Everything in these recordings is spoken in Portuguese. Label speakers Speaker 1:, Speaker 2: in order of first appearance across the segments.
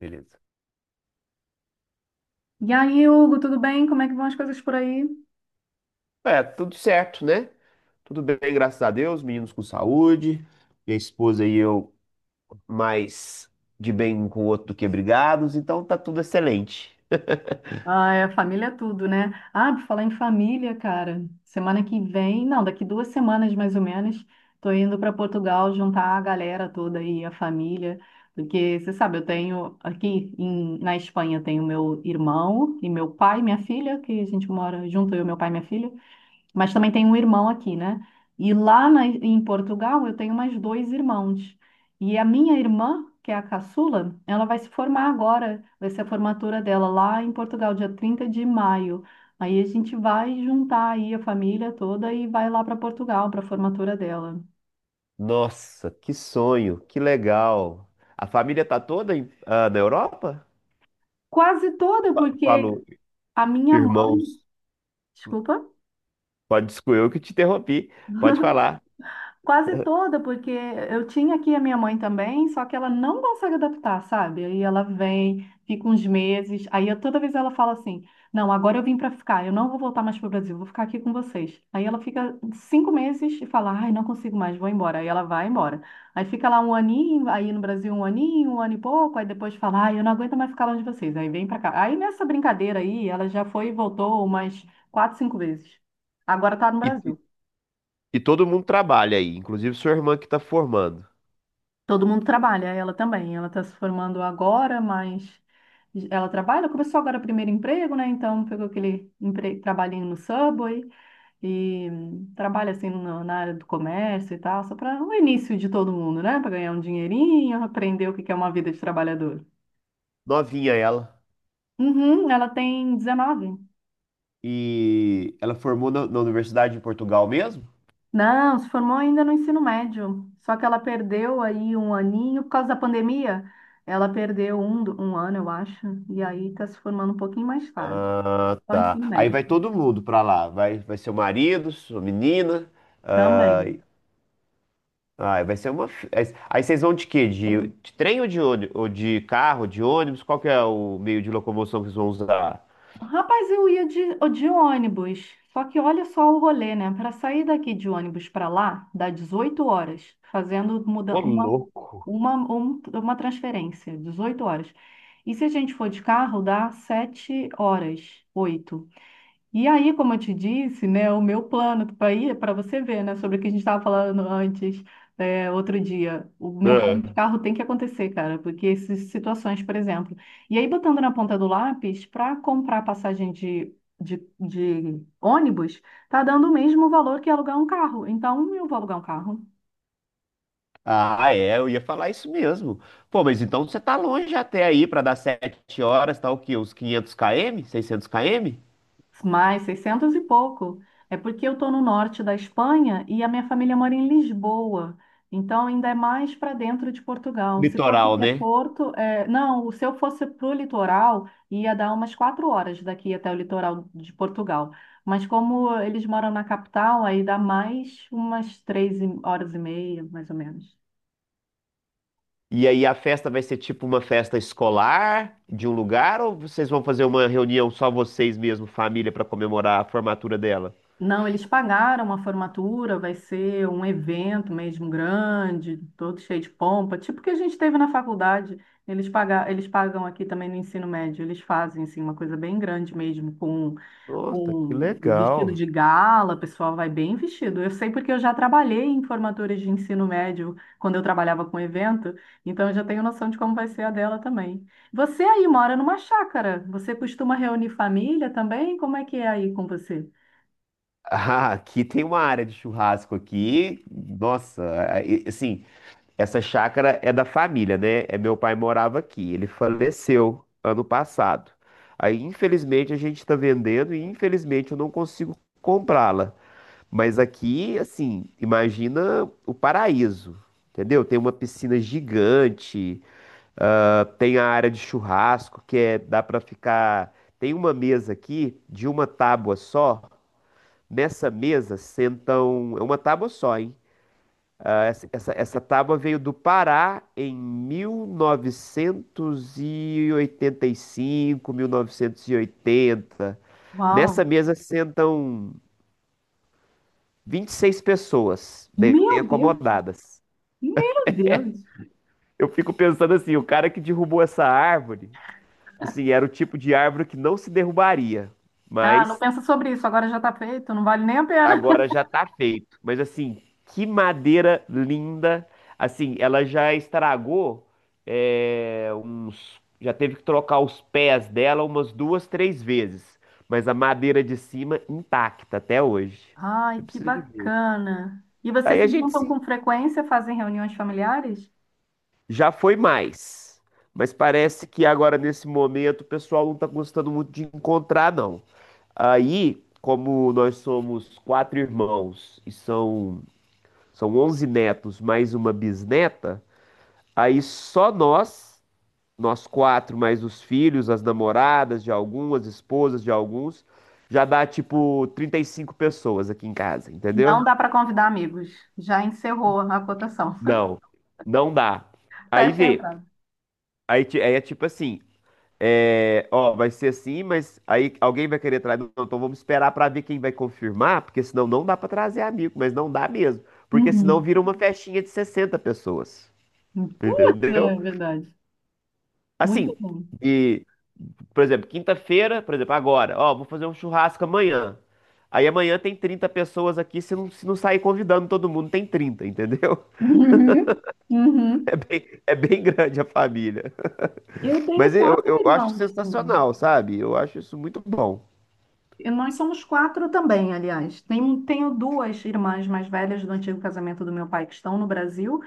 Speaker 1: Beleza.
Speaker 2: E aí, Hugo, tudo bem? Como é que vão as coisas por aí?
Speaker 1: É, tudo certo, né? Tudo bem, graças a Deus, meninos com saúde, minha esposa e eu mais de bem um com o outro do que brigados, então tá tudo excelente.
Speaker 2: Ah, é, família é tudo, né? Ah, por falar em família, cara, semana que vem, não, daqui 2 semanas mais ou menos, tô indo para Portugal juntar a galera toda aí, a família, porque você sabe, eu tenho aqui na Espanha tenho meu irmão e meu pai, e minha filha, que a gente mora junto, eu, meu pai e minha filha. Mas também tenho um irmão aqui, né? E lá em Portugal eu tenho mais dois irmãos. E a minha irmã, que é a caçula, ela vai se formar agora, vai ser a formatura dela lá em Portugal, dia 30 de maio. Aí a gente vai juntar aí a família toda e vai lá para Portugal para a formatura dela.
Speaker 1: Nossa, que sonho, que legal. A família tá toda na Europa?
Speaker 2: Quase toda,
Speaker 1: Eu
Speaker 2: porque
Speaker 1: falo,
Speaker 2: a minha mãe,
Speaker 1: irmãos,
Speaker 2: desculpa.
Speaker 1: pode desculpa, eu que te interrompi, pode falar.
Speaker 2: Quase toda, porque eu tinha aqui a minha mãe também, só que ela não consegue adaptar, sabe? Aí ela vem, fica uns meses, aí toda vez ela fala assim: Não, agora eu vim para ficar, eu não vou voltar mais para o Brasil, vou ficar aqui com vocês. Aí ela fica 5 meses e fala: Ai, não consigo mais, vou embora. Aí ela vai embora. Aí fica lá um aninho, aí no Brasil um aninho, um ano e pouco, aí depois fala: Ai, eu não aguento mais ficar longe de vocês. Aí vem para cá. Aí nessa brincadeira aí, ela já foi e voltou umas quatro, cinco vezes. Agora tá no
Speaker 1: E, e
Speaker 2: Brasil.
Speaker 1: e todo mundo trabalha aí, inclusive sua irmã que tá formando.
Speaker 2: Todo mundo trabalha, ela também. Ela está se formando agora, mas ela trabalha. Começou agora o primeiro emprego, né? Então pegou aquele trabalhinho no Subway e trabalha assim na área do comércio e tal, só para o início de todo mundo, né? Para ganhar um dinheirinho, aprender o que que é uma vida de trabalhador.
Speaker 1: Novinha ela.
Speaker 2: Uhum, ela tem 19.
Speaker 1: E ela formou na Universidade de Portugal mesmo?
Speaker 2: Não, se formou ainda no ensino médio. Só que ela perdeu aí um aninho por causa da pandemia. Ela perdeu um, um ano, eu acho, e aí está se formando um pouquinho mais tarde.
Speaker 1: Ah,
Speaker 2: Só ensino
Speaker 1: tá. Aí
Speaker 2: médio
Speaker 1: vai todo mundo pra lá. Vai, vai seu marido, sua menina. ah,
Speaker 2: também.
Speaker 1: vai ser uma. Fi- Aí vocês vão de quê? De trem ou ou de carro, de ônibus? Qual que é o meio de locomoção que vocês vão usar?
Speaker 2: Rapaz, eu ia de ônibus. Só que olha só o rolê, né? Para sair daqui de ônibus para lá, dá 18 horas, fazendo muda,
Speaker 1: Ô, louco.
Speaker 2: uma transferência, 18 horas. E se a gente for de carro, dá 7 horas, 8. E aí, como eu te disse, né, o meu plano para ir, para você ver, né, sobre o que a gente estava falando antes, é, outro dia, o meu
Speaker 1: Ah,
Speaker 2: plano de carro tem que acontecer, cara, porque essas situações, por exemplo. E aí, botando na ponta do lápis, para comprar passagem de ônibus, tá dando o mesmo valor que alugar um carro. Então, eu vou alugar um carro.
Speaker 1: Ah, é, eu ia falar isso mesmo. Pô, mas então você tá longe até aí pra dar 7 horas, tá o quê? Uns 500 km? 600 km?
Speaker 2: Mais 600 e pouco. É porque eu estou no norte da Espanha e a minha família mora em Lisboa. Então, ainda é mais para dentro de Portugal. Se fosse
Speaker 1: Litoral,
Speaker 2: até
Speaker 1: né?
Speaker 2: Porto, é, não, se eu fosse para o litoral, ia dar umas 4 horas daqui até o litoral de Portugal. Mas como eles moram na capital, aí dá mais umas três horas e meia, mais ou menos.
Speaker 1: E aí a festa vai ser tipo uma festa escolar de um lugar ou vocês vão fazer uma reunião só vocês mesmo, família, para comemorar a formatura dela?
Speaker 2: Não, eles pagaram a formatura, vai ser um evento mesmo grande, todo cheio de pompa, tipo que a gente teve na faculdade. Eles pagam aqui também no ensino médio, eles fazem assim, uma coisa bem grande mesmo,
Speaker 1: Nossa, que
Speaker 2: com o vestido
Speaker 1: legal.
Speaker 2: de gala, o pessoal vai bem vestido. Eu sei porque eu já trabalhei em formaturas de ensino médio quando eu trabalhava com evento, então eu já tenho noção de como vai ser a dela também. Você aí mora numa chácara, você costuma reunir família também? Como é que é aí com você?
Speaker 1: Ah, aqui tem uma área de churrasco aqui. Nossa, aí, assim, essa chácara é da família, né? É meu pai morava aqui. Ele faleceu ano passado. Aí, infelizmente, a gente está vendendo e infelizmente eu não consigo comprá-la. Mas aqui, assim, imagina o paraíso, entendeu? Tem uma piscina gigante, ah, tem a área de churrasco, que é, dá pra ficar. Tem uma mesa aqui de uma tábua só. Nessa mesa sentam. É uma tábua só, hein? Ah, essa tábua veio do Pará em 1985, 1980. Nessa
Speaker 2: Uau!
Speaker 1: mesa sentam 26 pessoas bem
Speaker 2: Meu
Speaker 1: bem
Speaker 2: Deus,
Speaker 1: acomodadas.
Speaker 2: meu Deus.
Speaker 1: Eu fico pensando assim, o cara que derrubou essa árvore, assim, era o tipo de árvore que não se derrubaria,
Speaker 2: Ah, não
Speaker 1: mas
Speaker 2: pensa sobre isso, agora já está feito, não vale nem a pena.
Speaker 1: agora já tá feito. Mas assim, que madeira linda, assim, ela já estragou é, uns, já teve que trocar os pés dela umas duas, três vezes, mas a madeira de cima intacta até hoje.
Speaker 2: Ai,
Speaker 1: Eu
Speaker 2: que
Speaker 1: preciso de ver.
Speaker 2: bacana. E vocês
Speaker 1: Aí a
Speaker 2: se
Speaker 1: gente
Speaker 2: juntam
Speaker 1: se
Speaker 2: com frequência, fazem reuniões familiares?
Speaker 1: Já foi mais. Mas parece que agora, nesse momento, o pessoal não tá gostando muito de encontrar, não. Aí, como nós somos quatro irmãos e são 11 netos mais uma bisneta, aí só nós, nós quatro, mais os filhos, as namoradas de algumas, esposas de alguns, já dá tipo 35 pessoas aqui em casa,
Speaker 2: Não
Speaker 1: entendeu?
Speaker 2: dá para convidar amigos. Já encerrou a cotação.
Speaker 1: Não, não dá. Aí
Speaker 2: Fecha a
Speaker 1: vê.
Speaker 2: entrada.
Speaker 1: Aí é tipo assim, é, ó, vai ser assim, mas aí alguém vai querer trazer. Não, então vamos esperar pra ver quem vai confirmar, porque senão não dá pra trazer amigo, mas não dá mesmo. Porque senão
Speaker 2: Uhum.
Speaker 1: vira uma festinha de 60 pessoas.
Speaker 2: Putz, é
Speaker 1: Entendeu?
Speaker 2: verdade. Muito
Speaker 1: Assim,
Speaker 2: bom.
Speaker 1: e, por exemplo, quinta-feira, por exemplo, agora, ó, vou fazer um churrasco amanhã. Aí amanhã tem 30 pessoas aqui, se não sair convidando todo mundo, tem 30, entendeu?
Speaker 2: Uhum. Uhum.
Speaker 1: É bem grande a família.
Speaker 2: Eu tenho
Speaker 1: Mas eu,
Speaker 2: quatro
Speaker 1: eu acho
Speaker 2: irmãos também.
Speaker 1: sensacional, sabe? Eu acho isso muito bom.
Speaker 2: E nós somos quatro também, aliás. Tenho duas irmãs mais velhas do antigo casamento do meu pai que estão no Brasil.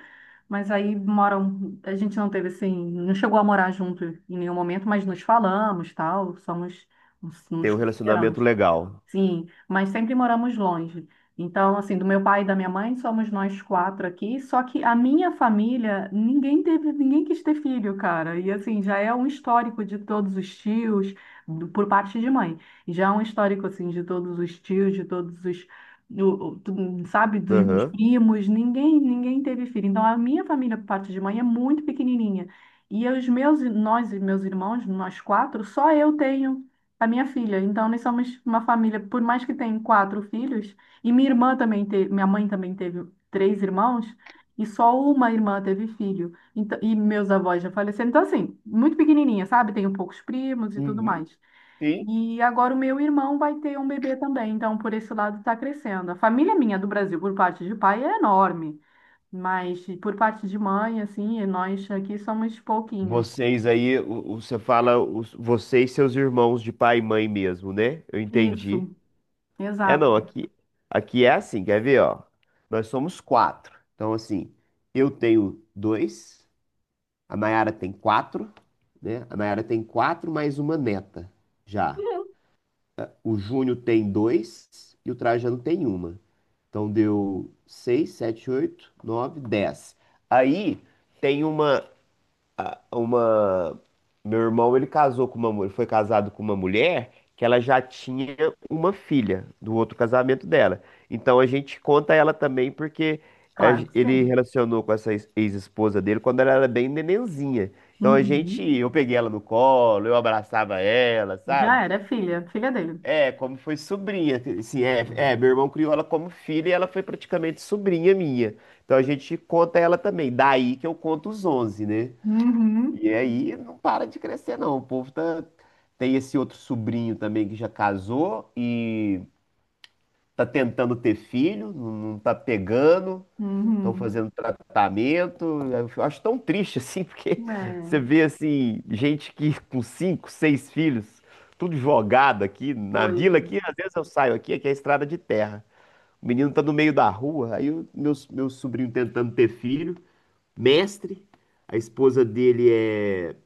Speaker 2: Mas aí moram, a gente não teve assim, não chegou a morar junto em nenhum momento, mas nos falamos, tal, somos, nos
Speaker 1: Tem
Speaker 2: nos
Speaker 1: um relacionamento
Speaker 2: consideramos.
Speaker 1: legal.
Speaker 2: Sim, mas sempre moramos longe. Então, assim, do meu pai e da minha mãe, somos nós quatro aqui. Só que a minha família, ninguém teve, ninguém quis ter filho, cara. E assim, já é um histórico de todos os tios, por parte de mãe. E já é um histórico, assim, de todos os tios, de todos os, o- o- tu- sabe, dos meus
Speaker 1: Aham.
Speaker 2: primos. Ninguém teve filho. Então, a minha família, por parte de mãe, é muito pequenininha. E os meus, nós e meus irmãos, nós quatro, só eu tenho a minha filha. Então, nós somos uma família, por mais que tenha quatro filhos, e minha irmã também teve, minha mãe também teve três irmãos, e só uma irmã teve filho. Então, e meus avós já faleceram. Então, assim, muito pequenininha, sabe? Tenho poucos primos e tudo
Speaker 1: Uhum.
Speaker 2: mais.
Speaker 1: Sim.
Speaker 2: E agora o meu irmão vai ter um bebê também, então por esse lado está crescendo. A família minha do Brasil, por parte de pai, é enorme, mas por parte de mãe, assim, nós aqui somos pouquinhos.
Speaker 1: Vocês aí, você e seus irmãos de pai e mãe mesmo, né? Eu entendi.
Speaker 2: Isso,
Speaker 1: É
Speaker 2: exato.
Speaker 1: não, aqui, é assim, quer ver, ó? Nós somos quatro. Então, assim, eu tenho dois, a Nayara tem quatro, né? A Nayara tem quatro mais uma neta já. O Júnior tem dois e o Trajano tem uma. Então deu seis, sete, oito, nove, dez. Aí tem uma. a- uma. Meu irmão, ele casou com ele foi casado com uma mulher que ela já tinha uma filha do outro casamento dela. Então a gente conta ela também porque
Speaker 2: Claro que
Speaker 1: ele
Speaker 2: sim.
Speaker 1: relacionou com essa ex-esposa dele quando ela era bem nenenzinha. Então a gente,
Speaker 2: Uhum.
Speaker 1: eu peguei ela no colo, eu abraçava ela, sabe?
Speaker 2: Já era, é filha, filha dele.
Speaker 1: É, como foi sobrinha, assim, meu irmão criou ela como filha e ela foi praticamente sobrinha minha. Então a gente conta ela também. Daí que eu conto os 11, né?
Speaker 2: Uhum,
Speaker 1: E aí não para de crescer, não. O povo tá. Tem esse outro sobrinho também que já casou e tá tentando ter filho, não tá pegando, estão
Speaker 2: uhum.
Speaker 1: fazendo tratamento. Eu acho tão triste assim, porque você
Speaker 2: É,
Speaker 1: vê assim, gente que com cinco, seis filhos, tudo jogado aqui na vila,
Speaker 2: coisa.
Speaker 1: aqui às vezes eu saio aqui, aqui é estrada de terra. O menino tá no meio da rua, aí o meu sobrinho tentando ter filho, mestre, a esposa dele é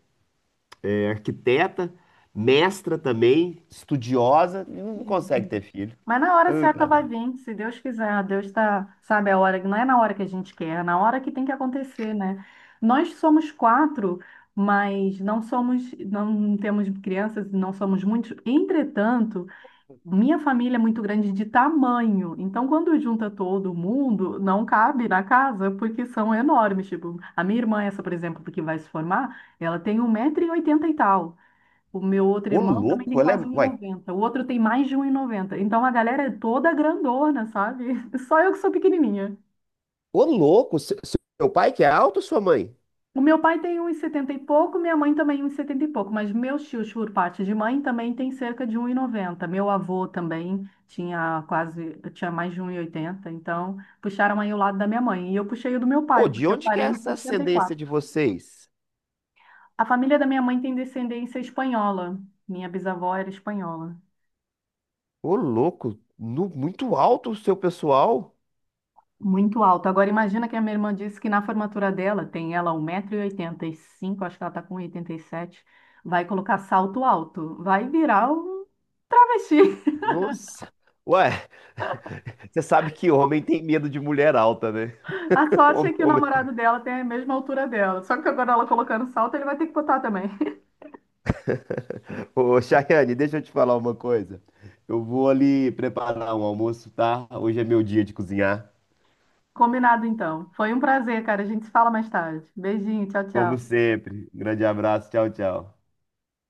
Speaker 1: é arquiteta, mestra também, estudiosa, e não consegue
Speaker 2: Uhum.
Speaker 1: ter filho.
Speaker 2: Mas na hora certa
Speaker 1: Tá
Speaker 2: vai
Speaker 1: doido.
Speaker 2: vir, se Deus quiser. Deus tá, sabe, a hora, não é na hora que a gente quer, é na hora que tem que acontecer, né? Nós somos quatro, mas não somos, não temos crianças, não somos muitos. Entretanto, minha família é muito grande de tamanho, então quando junta todo mundo, não cabe na casa porque são enormes. Tipo, a minha irmã, essa, por exemplo, que vai se formar, ela tem 1,80 m e tal. O meu outro
Speaker 1: Ô
Speaker 2: irmão também
Speaker 1: louco,
Speaker 2: tem
Speaker 1: ela é.
Speaker 2: quase um e
Speaker 1: Uai,
Speaker 2: noventa O outro tem mais de 1,90 m. Então a galera é toda grandona, sabe? Só eu que sou pequenininha.
Speaker 1: ô louco, seu pai que é alto ou sua mãe?
Speaker 2: O meu pai tem uns 70 e pouco, minha mãe também uns 70 e pouco, mas meus tios, por parte de mãe, também tem cerca de 1,90. Meu avô também tinha quase, tinha mais de 1,80, então puxaram aí o lado da minha mãe. E eu puxei o do meu pai,
Speaker 1: Pô, de
Speaker 2: porque eu
Speaker 1: onde que é
Speaker 2: parei no
Speaker 1: essa ascendência
Speaker 2: 64.
Speaker 1: de vocês?
Speaker 2: A família da minha mãe tem descendência espanhola. Minha bisavó era espanhola.
Speaker 1: Ô louco, muito alto o seu pessoal?
Speaker 2: Muito alto. Agora imagina que a minha irmã disse que na formatura dela, tem ela 1,85m, acho que ela está com 87, vai colocar salto alto. Vai virar um travesti.
Speaker 1: Nossa. Ué, você sabe que homem tem medo de mulher alta, né?
Speaker 2: A sorte é
Speaker 1: Homem,
Speaker 2: que o
Speaker 1: homem.
Speaker 2: namorado dela tem a mesma altura dela. Só que agora ela colocando salto, ele vai ter que botar também.
Speaker 1: Ô, Chayane, deixa eu te falar uma coisa. Eu vou ali preparar um almoço, tá? Hoje é meu dia de cozinhar.
Speaker 2: Combinado então. Foi um prazer, cara. A gente se fala mais tarde. Beijinho, tchau,
Speaker 1: Como
Speaker 2: tchau.
Speaker 1: sempre. Grande abraço. Tchau, tchau.